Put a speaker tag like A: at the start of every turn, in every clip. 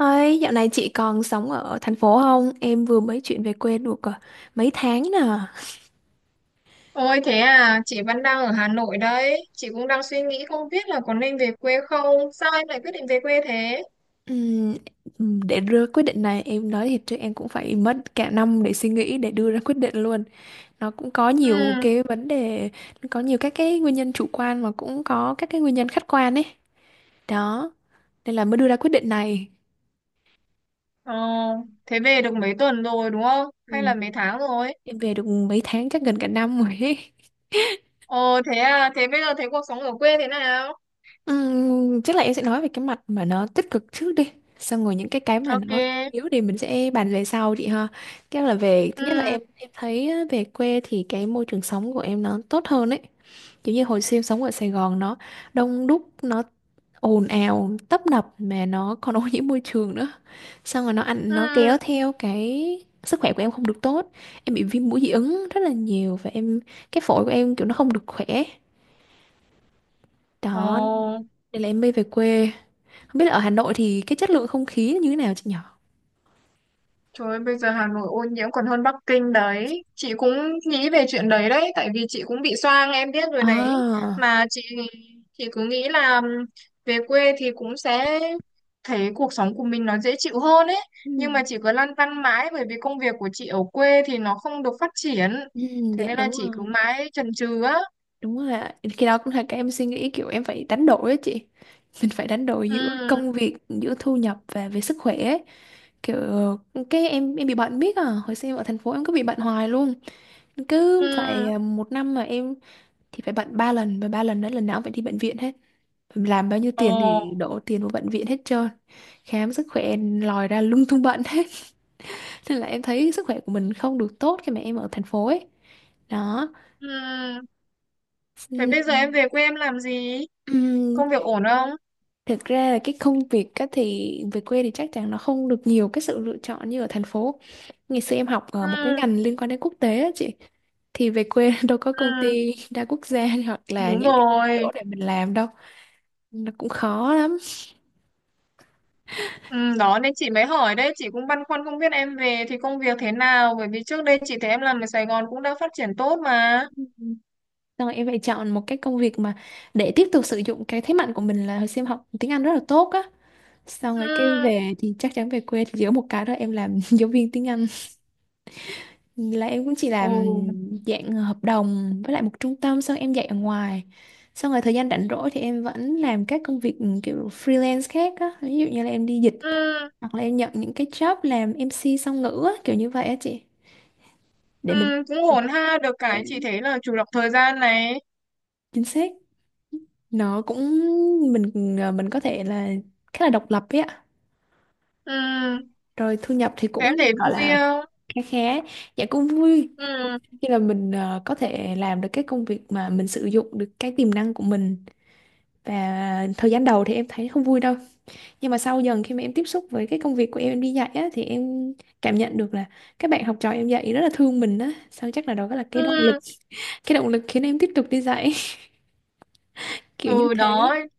A: Ơi, dạo này chị còn sống ở thành phố không? Em vừa mới chuyển về quê được à, mấy tháng nè.
B: Ôi thế à, chị vẫn đang ở Hà Nội đấy. Chị cũng đang suy nghĩ không biết là có nên về quê không. Sao em lại quyết định về quê thế?
A: Ừm, để đưa quyết định này, em nói thiệt chứ em cũng phải mất cả năm để suy nghĩ, để đưa ra quyết định luôn. Nó cũng có nhiều
B: Ừ.
A: cái vấn đề, có nhiều các cái nguyên nhân chủ quan mà cũng có các cái nguyên nhân khách quan ấy. Đó, nên là mới đưa ra quyết định này.
B: ờ, Thế về được mấy tuần rồi, đúng không? Hay là
A: Ừm,
B: mấy tháng rồi?
A: Em về được mấy tháng, chắc gần cả năm rồi ấy.
B: Ồ thế à, thế bây giờ thấy cuộc sống ở quê thế nào?
A: Chắc là em sẽ nói về cái mặt mà nó tích cực trước đi, xong rồi những cái mà
B: Ok.
A: nó yếu thì mình sẽ bàn về sau chị ha. Cái là về thứ nhất là
B: Ừ.
A: em thấy á, về quê thì cái môi trường sống của em nó tốt hơn ấy. Kiểu như hồi xưa em sống ở Sài Gòn, nó đông đúc, nó ồn ào tấp nập mà nó còn ô nhiễm môi trường nữa, xong rồi nó ăn nó kéo
B: Ừ.
A: theo cái sức khỏe của em không được tốt. Em bị viêm mũi dị ứng rất là nhiều, và em cái phổi của em kiểu nó không được khỏe.
B: Ồ.
A: Đó, nên là em mới về quê. Không biết là ở Hà Nội thì cái chất lượng không khí như thế nào chị nhỏ.
B: Trời ơi, bây giờ Hà Nội ô nhiễm còn hơn Bắc Kinh đấy. Chị cũng nghĩ về chuyện đấy đấy, tại vì chị cũng bị xoang, em biết rồi đấy.
A: À.
B: Mà chị cứ nghĩ là về quê thì cũng sẽ thấy cuộc sống của mình nó dễ chịu hơn ấy.
A: Ừ.
B: Nhưng mà chị cứ lăn tăn mãi bởi vì công việc của chị ở quê thì nó không được phát triển.
A: Ừ,
B: Thế
A: dạ
B: nên là
A: đúng
B: chị cứ
A: rồi,
B: mãi chần chừ á.
A: đúng rồi ạ. Khi đó cũng là cái em suy nghĩ kiểu em phải đánh đổi á chị. Mình phải đánh đổi giữa
B: Ừ.
A: công việc, giữa thu nhập và về sức khỏe ấy. Kiểu cái em bị bệnh biết à, hồi xưa em ở thành phố em cứ bị bệnh hoài luôn.
B: Ừ.
A: Cứ phải à, một năm mà em thì phải bệnh ba lần, và ba lần đó lần nào cũng phải đi bệnh viện hết. Mình làm bao nhiêu
B: Ờ.
A: tiền thì đổ tiền vào bệnh viện hết trơn. Khám sức khỏe lòi ra lung tung bệnh hết. Nên là em thấy sức khỏe của mình không được tốt khi mà em ở thành phố ấy. Đó.
B: Ừ. Thế bây giờ em
A: Ừm,
B: về quê em làm gì?
A: ừm,
B: Công việc ổn không?
A: thực ra là cái công việc á thì về quê thì chắc chắn nó không được nhiều cái sự lựa chọn như ở thành phố. Ngày xưa em học ở một cái
B: Ừ.
A: ngành liên quan đến quốc tế á chị, thì về quê đâu có công
B: Ừ,
A: ty đa quốc gia hoặc là
B: đúng
A: những cái
B: rồi.
A: chỗ để mình làm đâu, nó cũng khó lắm.
B: Ừ, đó nên chị mới hỏi đấy, chị cũng băn khoăn không biết em về thì công việc thế nào, bởi vì trước đây chị thấy em làm ở Sài Gòn cũng đã phát triển tốt mà.
A: Ừm, Rồi em phải chọn một cái công việc mà để tiếp tục sử dụng cái thế mạnh của mình, là hồi xưa em học tiếng Anh rất là tốt á, xong
B: Ừ.
A: rồi cái về thì chắc chắn về quê thì giữa một cái đó em làm giáo viên tiếng Anh, là em cũng chỉ làm
B: Ừ.
A: dạng hợp đồng với lại một trung tâm, xong em dạy ở ngoài, xong rồi thời gian rảnh rỗi thì em vẫn làm các công việc kiểu freelance khác á, ví dụ như là em đi dịch
B: Ừ.
A: hoặc là em nhận những cái job làm MC song ngữ á, kiểu như vậy á chị, để mình
B: Ừ, cũng ổn ha, được
A: dạ,
B: cái chị thấy là chủ động thời gian này.
A: chính xác. Nó cũng mình mình có thể là khá là độc lập ấy ạ.
B: Ừ,
A: Rồi thu nhập thì
B: thế em
A: cũng được
B: thấy
A: gọi
B: vui
A: là
B: không?
A: khá khá. Dạ cũng vui
B: Ừ.
A: khi là mình có thể làm được cái công việc mà mình sử dụng được cái tiềm năng của mình. Và thời gian đầu thì em thấy không vui đâu, nhưng mà sau dần khi mà em tiếp xúc với cái công việc của em đi dạy á, thì em cảm nhận được là các bạn học trò em dạy rất là thương mình á, sao chắc là đó là cái động lực,
B: Ừ.
A: cái động lực khiến em tiếp tục đi dạy kiểu như
B: Ừ,
A: thế
B: đó,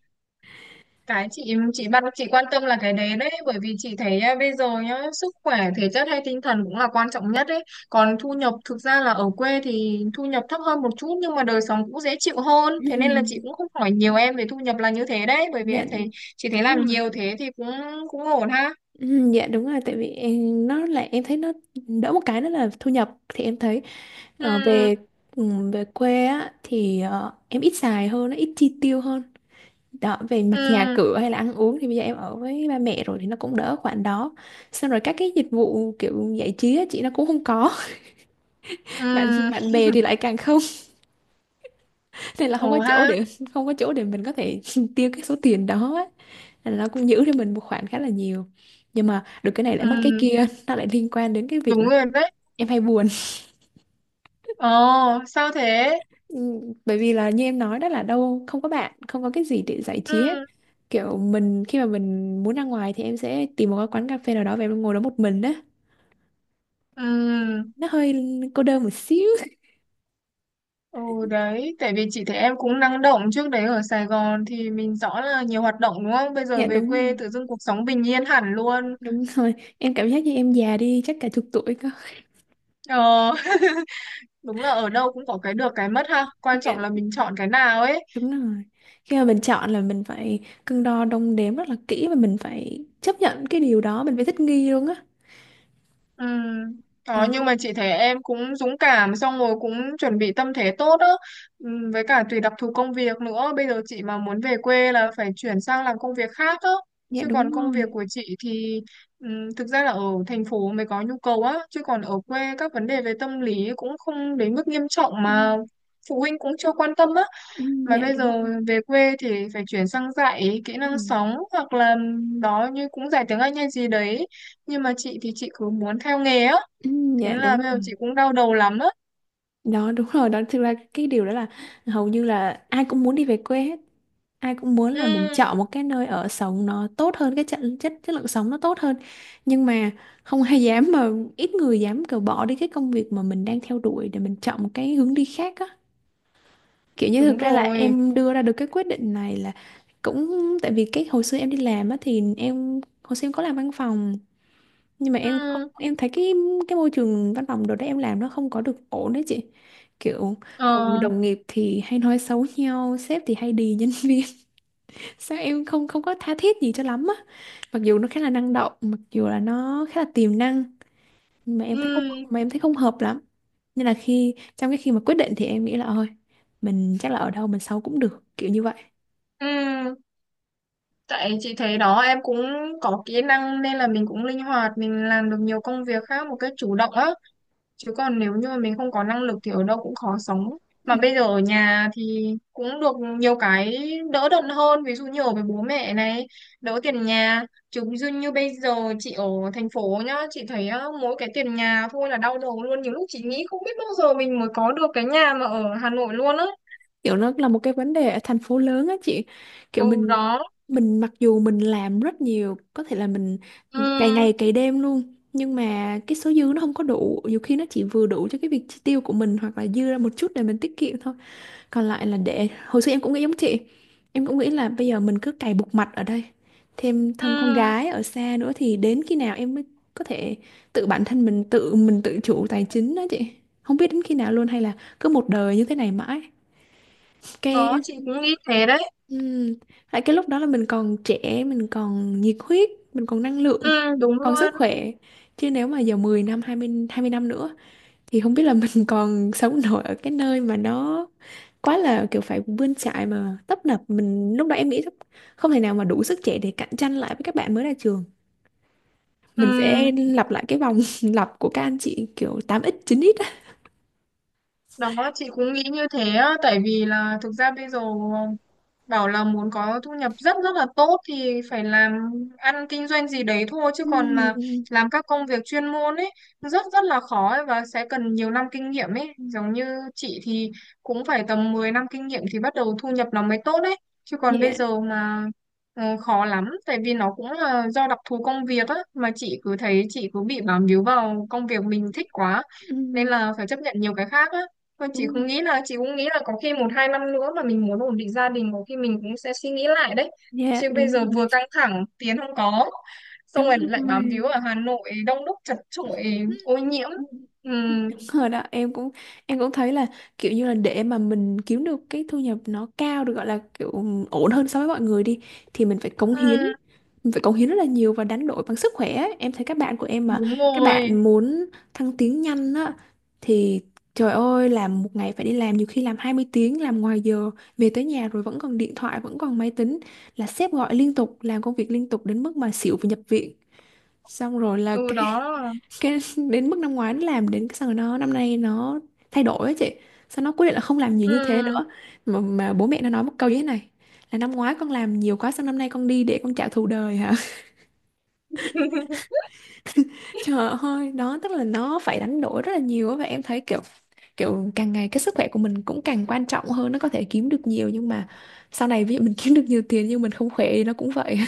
B: cái chị bắt chị quan tâm là cái đấy đấy, bởi vì chị thấy à, bây giờ nhá, sức khỏe thể chất hay tinh thần cũng là quan trọng nhất đấy, còn thu nhập thực ra là ở quê thì thu nhập thấp hơn một chút nhưng mà đời sống cũng dễ chịu hơn, thế nên là chị
A: Ừm,
B: cũng không hỏi nhiều em về thu nhập là như thế đấy, bởi vì
A: dạ
B: em thấy chị thấy
A: đúng
B: làm
A: rồi.
B: nhiều thế thì cũng cũng ổn ha.
A: Dạ đúng rồi. Tại vì em, nó là em thấy nó đỡ một cái, đó là thu nhập thì em thấy ờ,
B: Ừ.
A: về ừ, về quê á thì ờ, em ít xài hơn, nó ít chi tiêu hơn. Đó, về mặt nhà
B: Ừ.
A: cửa hay là ăn uống thì bây giờ em ở với ba mẹ rồi thì nó cũng đỡ khoản đó. Xong rồi các cái dịch vụ kiểu giải trí á, chị, nó cũng không có.
B: Ừ,
A: Bạn bạn bè thì lại càng không, nên là
B: ổn ha.
A: không có chỗ để mình có thể tiêu cái số tiền đó á. Nên là nó cũng giữ cho mình một khoản khá là nhiều. Nhưng mà được cái này lại mất cái
B: Ừ,
A: kia, nó lại liên quan đến cái việc là
B: đúng rồi đấy.
A: em hay buồn.
B: Ồ, sao thế?
A: Ừ, bởi vì là như em nói đó, là đâu không có bạn, không có cái gì để giải trí hết,
B: Ừ.
A: kiểu mình khi mà mình muốn ra ngoài thì em sẽ tìm một cái quán cà phê nào đó và em ngồi đó một mình đó,
B: Ừ.
A: nó hơi cô đơn một xíu.
B: Ừ, đấy, tại vì chị thấy em cũng năng động trước đấy ở Sài Gòn thì mình rõ là nhiều hoạt động, đúng không? Bây giờ
A: Dạ
B: về
A: đúng
B: quê
A: rồi,
B: tự dưng cuộc sống bình yên hẳn luôn.
A: đúng rồi, em cảm giác như em già đi chắc cả chục tuổi cơ.
B: Ờ. Đúng là ở đâu cũng có cái được cái mất ha. Quan
A: Dạ
B: trọng là mình chọn cái nào ấy.
A: đúng rồi, khi mà mình chọn là mình phải cân đo đong đếm rất là kỹ, và mình phải chấp nhận cái điều đó, mình phải thích nghi luôn á.
B: Ừ. Đó,
A: Đó,
B: nhưng mà chị thấy em cũng dũng cảm, xong rồi cũng chuẩn bị tâm thế tốt đó. Ừ, với cả tùy đặc thù công việc nữa, bây giờ chị mà muốn về quê là phải chuyển sang làm công việc khác đó.
A: dạ
B: Chứ còn
A: đúng
B: công việc
A: rồi.
B: của chị thì ừ, thực ra là ở thành phố mới có nhu cầu á, chứ còn ở quê các vấn đề về tâm lý cũng không đến mức nghiêm trọng
A: ừ,
B: mà phụ huynh cũng chưa quan tâm á.
A: ừ,
B: Mà
A: dạ
B: bây
A: đúng
B: giờ
A: rồi.
B: về quê thì phải chuyển sang dạy kỹ
A: ừ,
B: năng sống, hoặc là đó, như cũng dạy tiếng Anh hay gì đấy. Nhưng mà chị thì chị cứ muốn theo nghề á.
A: ừ,
B: Thế
A: dạ
B: nên là
A: đúng
B: bây giờ
A: rồi
B: chị cũng đau đầu lắm á.
A: đó, đúng rồi đó. Thực ra cái điều đó là hầu như là ai cũng muốn đi về quê hết, ai cũng muốn là mình
B: Ừ,
A: chọn một cái nơi ở sống nó tốt hơn, cái chất chất chất lượng sống nó tốt hơn, nhưng mà không ai dám mà ít người dám cờ bỏ đi cái công việc mà mình đang theo đuổi để mình chọn một cái hướng đi khác á. Kiểu như
B: đúng
A: thực ra là
B: rồi.
A: em đưa ra được cái quyết định này là cũng tại vì cái hồi xưa em đi làm á, thì em hồi xưa em có làm văn phòng, nhưng mà em không,
B: Ừ.
A: em thấy cái môi trường văn phòng đồ đấy em làm nó không có được ổn đấy chị. Kiểu đồng,
B: Ờ.
A: đồng nghiệp thì hay nói xấu nhau, sếp thì hay đì nhân viên, sao em không không có tha thiết gì cho lắm á. Mặc dù nó khá là năng động, mặc dù là nó khá là tiềm năng, nhưng mà em thấy không,
B: Ừ.
A: mà em thấy không hợp lắm, nên là khi trong cái khi mà quyết định thì em nghĩ là thôi, mình chắc là ở đâu mình xấu cũng được, kiểu như vậy.
B: Ừ. Tại chị thấy đó, em cũng có kỹ năng nên là mình cũng linh hoạt, mình làm được nhiều công việc khác một cách chủ động á. Chứ còn nếu như mà mình không có năng lực thì ở đâu cũng khó sống. Mà bây giờ ở nhà thì cũng được nhiều cái đỡ đần hơn, ví dụ như ở với bố mẹ này, đỡ tiền nhà. Chứ như như bây giờ chị ở thành phố nhá, chị thấy á, mỗi cái tiền nhà thôi là đau đầu luôn, nhiều lúc chị nghĩ không biết bao giờ mình mới có được cái nhà mà ở Hà Nội luôn á.
A: Kiểu nó là một cái vấn đề ở thành phố lớn á chị, kiểu
B: Ừ,
A: mình
B: đó.
A: mình mặc dù mình làm rất nhiều, có thể là mình
B: Ừ.
A: cày ngày cày đêm luôn, nhưng mà cái số dư nó không có đủ, nhiều khi nó chỉ vừa đủ cho cái việc chi tiêu của mình, hoặc là dư ra một chút để mình tiết kiệm thôi. Còn lại là để, hồi xưa em cũng nghĩ giống chị, em cũng nghĩ là bây giờ mình cứ cày bục mặt ở đây, thêm thân con
B: Ừ,
A: gái ở xa nữa, thì đến khi nào em mới có thể tự bản thân mình tự chủ tài chính đó chị, không biết đến khi nào luôn, hay là cứ một đời như thế này mãi.
B: đó,
A: Cái
B: chị cũng nghĩ thế đấy.
A: Ừ. Tại cái lúc đó là mình còn trẻ, mình còn nhiệt huyết, mình còn năng lượng,
B: Ừ, đúng
A: còn sức
B: luôn.
A: khỏe. Chứ nếu mà giờ 10 năm, 20, 20 năm nữa thì không biết là mình còn sống nổi ở cái nơi mà nó quá là kiểu phải bươn chải mà tấp nập. Mình lúc đó em nghĩ không thể nào mà đủ sức trẻ để cạnh tranh lại với các bạn mới ra trường. Mình sẽ
B: Ừ,
A: lặp lại cái vòng lặp của các anh chị kiểu tám x chín x á.
B: đó, chị cũng nghĩ như thế á, tại vì là thực ra bây giờ bảo là muốn có thu nhập rất rất là tốt thì phải làm ăn kinh doanh gì đấy thôi, chứ còn mà
A: Ừ.
B: làm các công việc chuyên môn ấy rất rất là khó ấy, và sẽ cần nhiều năm kinh nghiệm ấy, giống như chị thì cũng phải tầm 10 năm kinh nghiệm thì bắt đầu thu nhập nó mới tốt đấy, chứ còn bây
A: Dạ.
B: giờ mà khó lắm, tại vì nó cũng là do đặc thù công việc á mà chị cứ thấy chị cứ bị bám víu vào công việc mình thích quá,
A: Ừ.
B: nên là phải chấp nhận nhiều cái khác á. Thôi chị cũng
A: Đúng.
B: nghĩ là chị cũng nghĩ là có khi một hai năm nữa mà mình muốn ổn định gia đình có khi mình cũng sẽ suy nghĩ lại đấy,
A: Dạ,
B: chứ bây
A: đúng
B: giờ
A: rồi.
B: vừa căng thẳng tiền không có, xong
A: Đúng
B: rồi lại bám víu
A: rồi.
B: ở Hà Nội đông đúc chật chội ô nhiễm. Ừ.
A: Đúng rồi đó, em cũng thấy là kiểu như là để mà mình kiếm được cái thu nhập nó cao, được gọi là kiểu ổn hơn so với mọi người đi, thì mình phải cống
B: Ừ,
A: hiến, mình phải cống hiến rất là nhiều và đánh đổi bằng sức khỏe ấy. Em thấy các bạn của em mà
B: đúng
A: các
B: rồi.
A: bạn muốn thăng tiến nhanh á, thì trời ơi làm một ngày phải đi làm, nhiều khi làm 20 tiếng, làm ngoài giờ, về tới nhà rồi vẫn còn điện thoại vẫn còn máy tính, là sếp gọi liên tục, làm công việc liên tục đến mức mà xỉu và nhập viện. Xong rồi là
B: Từ đó.
A: cái đến mức năm ngoái nó làm đến cái xong rồi nó năm nay nó thay đổi ấy chị, sao nó quyết định là không làm nhiều như thế
B: Ừ.
A: nữa. Mà bố mẹ nó nói một câu như thế này, là năm ngoái con làm nhiều quá sao năm nay con đi để con trả thù đời hả. Trời ơi đó, tức là nó phải đánh đổi rất là nhiều á, và em thấy kiểu kiểu càng ngày cái sức khỏe của mình cũng càng quan trọng hơn, nó có thể kiếm được nhiều nhưng mà sau này ví dụ mình kiếm được nhiều tiền nhưng mình không khỏe thì nó cũng vậy.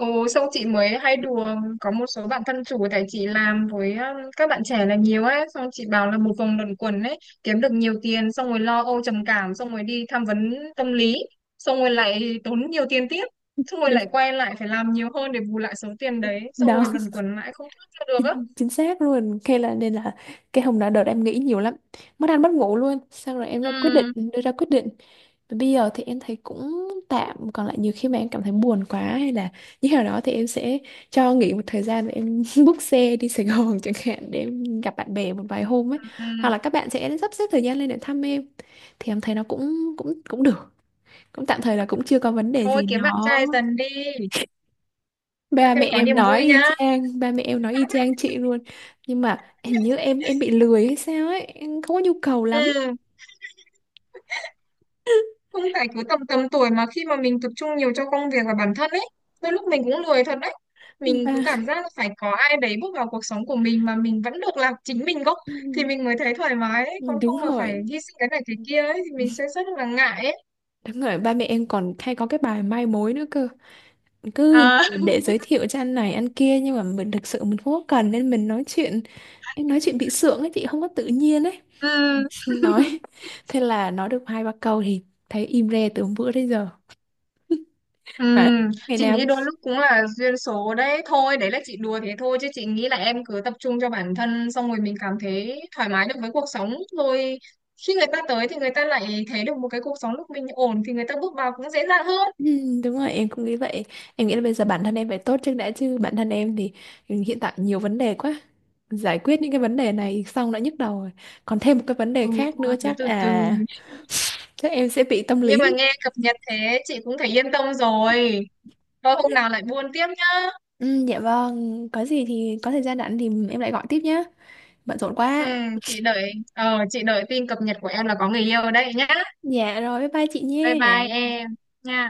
B: Ừ, xong chị mới hay đùa, có một số bạn thân chủ tại chị làm với các bạn trẻ là nhiều ấy, xong chị bảo là một vòng luẩn quẩn ấy, kiếm được nhiều tiền xong rồi lo âu trầm cảm, xong rồi đi tham vấn tâm lý, xong rồi lại tốn nhiều tiền tiếp, xong rồi
A: Đúng
B: lại quay lại phải làm nhiều hơn để bù lại số tiền đấy, xong
A: đó.
B: rồi luẩn quẩn lại không thoát ra được á.
A: Chính xác luôn. Thế là nên là cái hôm đó đợt em nghĩ nhiều lắm, mất ăn mất ngủ luôn, xong rồi em ra quyết định,
B: Ừ.
A: đưa ra quyết định. Và bây giờ thì em thấy cũng tạm, còn lại nhiều khi mà em cảm thấy buồn quá hay là như thế nào đó thì em sẽ cho nghỉ một thời gian và em book xe đi Sài Gòn chẳng hạn, để em gặp bạn bè một vài hôm ấy, hoặc
B: Ừ.
A: là các bạn sẽ sắp xếp thời gian lên để thăm em, thì em thấy nó cũng cũng cũng được, cũng tạm thời là cũng chưa có vấn đề
B: Thôi
A: gì
B: kiếm bạn
A: nó.
B: trai dần đi, ra
A: ba mẹ
B: thêm có
A: em
B: niềm
A: nói
B: vui
A: y
B: nhá.
A: chang ba mẹ em nói y chang chị luôn. Nhưng mà hình như em bị lười hay sao ấy, em không có nhu cầu lắm.
B: Ừ. Không phải cứ tầm tầm tuổi mà khi mà mình tập trung nhiều cho công việc và bản thân ấy, đôi lúc mình cũng lười thật đấy. Mình
A: Ba
B: cứ cảm giác là phải có ai đấy bước vào cuộc sống của mình mà mình vẫn được làm chính mình gốc thì mình mới thấy thoải mái ấy. Còn
A: đúng
B: không mà
A: rồi,
B: phải hy sinh cái này cái kia ấy thì mình sẽ rất là ngại ấy.
A: đúng rồi, ba mẹ em còn hay có cái bài mai mối nữa cơ, cứ
B: À.
A: để giới thiệu cho anh này anh kia, nhưng mà mình thực sự mình không có cần nên mình nói chuyện, em nói chuyện bị sượng ấy chị, không có tự nhiên ấy.
B: Ừ.
A: Nói, thế là nói được hai ba câu thì thấy im re từ hôm bữa đến giờ.
B: Ừ,
A: Mà ngày
B: chị
A: nào
B: nghĩ đôi lúc cũng là duyên số đấy thôi, đấy là chị đùa thế thôi, chứ chị nghĩ là em cứ tập trung cho bản thân xong rồi mình cảm thấy thoải mái được với cuộc sống rồi, khi người ta tới thì người ta lại thấy được một cái cuộc sống lúc mình ổn thì người ta bước vào cũng dễ dàng hơn.
A: Ừ, đúng rồi em cũng nghĩ vậy, em nghĩ là bây giờ bản thân em phải tốt trước đã, chứ bản thân em thì hiện tại nhiều vấn đề quá, giải quyết những cái vấn đề này xong đã nhức đầu rồi, còn thêm một cái vấn đề
B: Ừ,
A: khác nữa
B: thôi cứ
A: chắc
B: từ từ.
A: à, chắc em sẽ bị tâm lý.
B: Nhưng mà nghe cập nhật thế chị cũng thấy yên tâm rồi, thôi hôm nào lại buôn tiếp nhá.
A: Ừ, dạ vâng, có gì thì có thời gian rảnh thì em lại gọi tiếp nhé, bận rộn
B: Ừ,
A: quá.
B: chị đợi tin cập nhật của em là có người yêu đấy nhá.
A: Dạ rồi, bye bye chị
B: Bye
A: nhé.
B: bye em. Nha.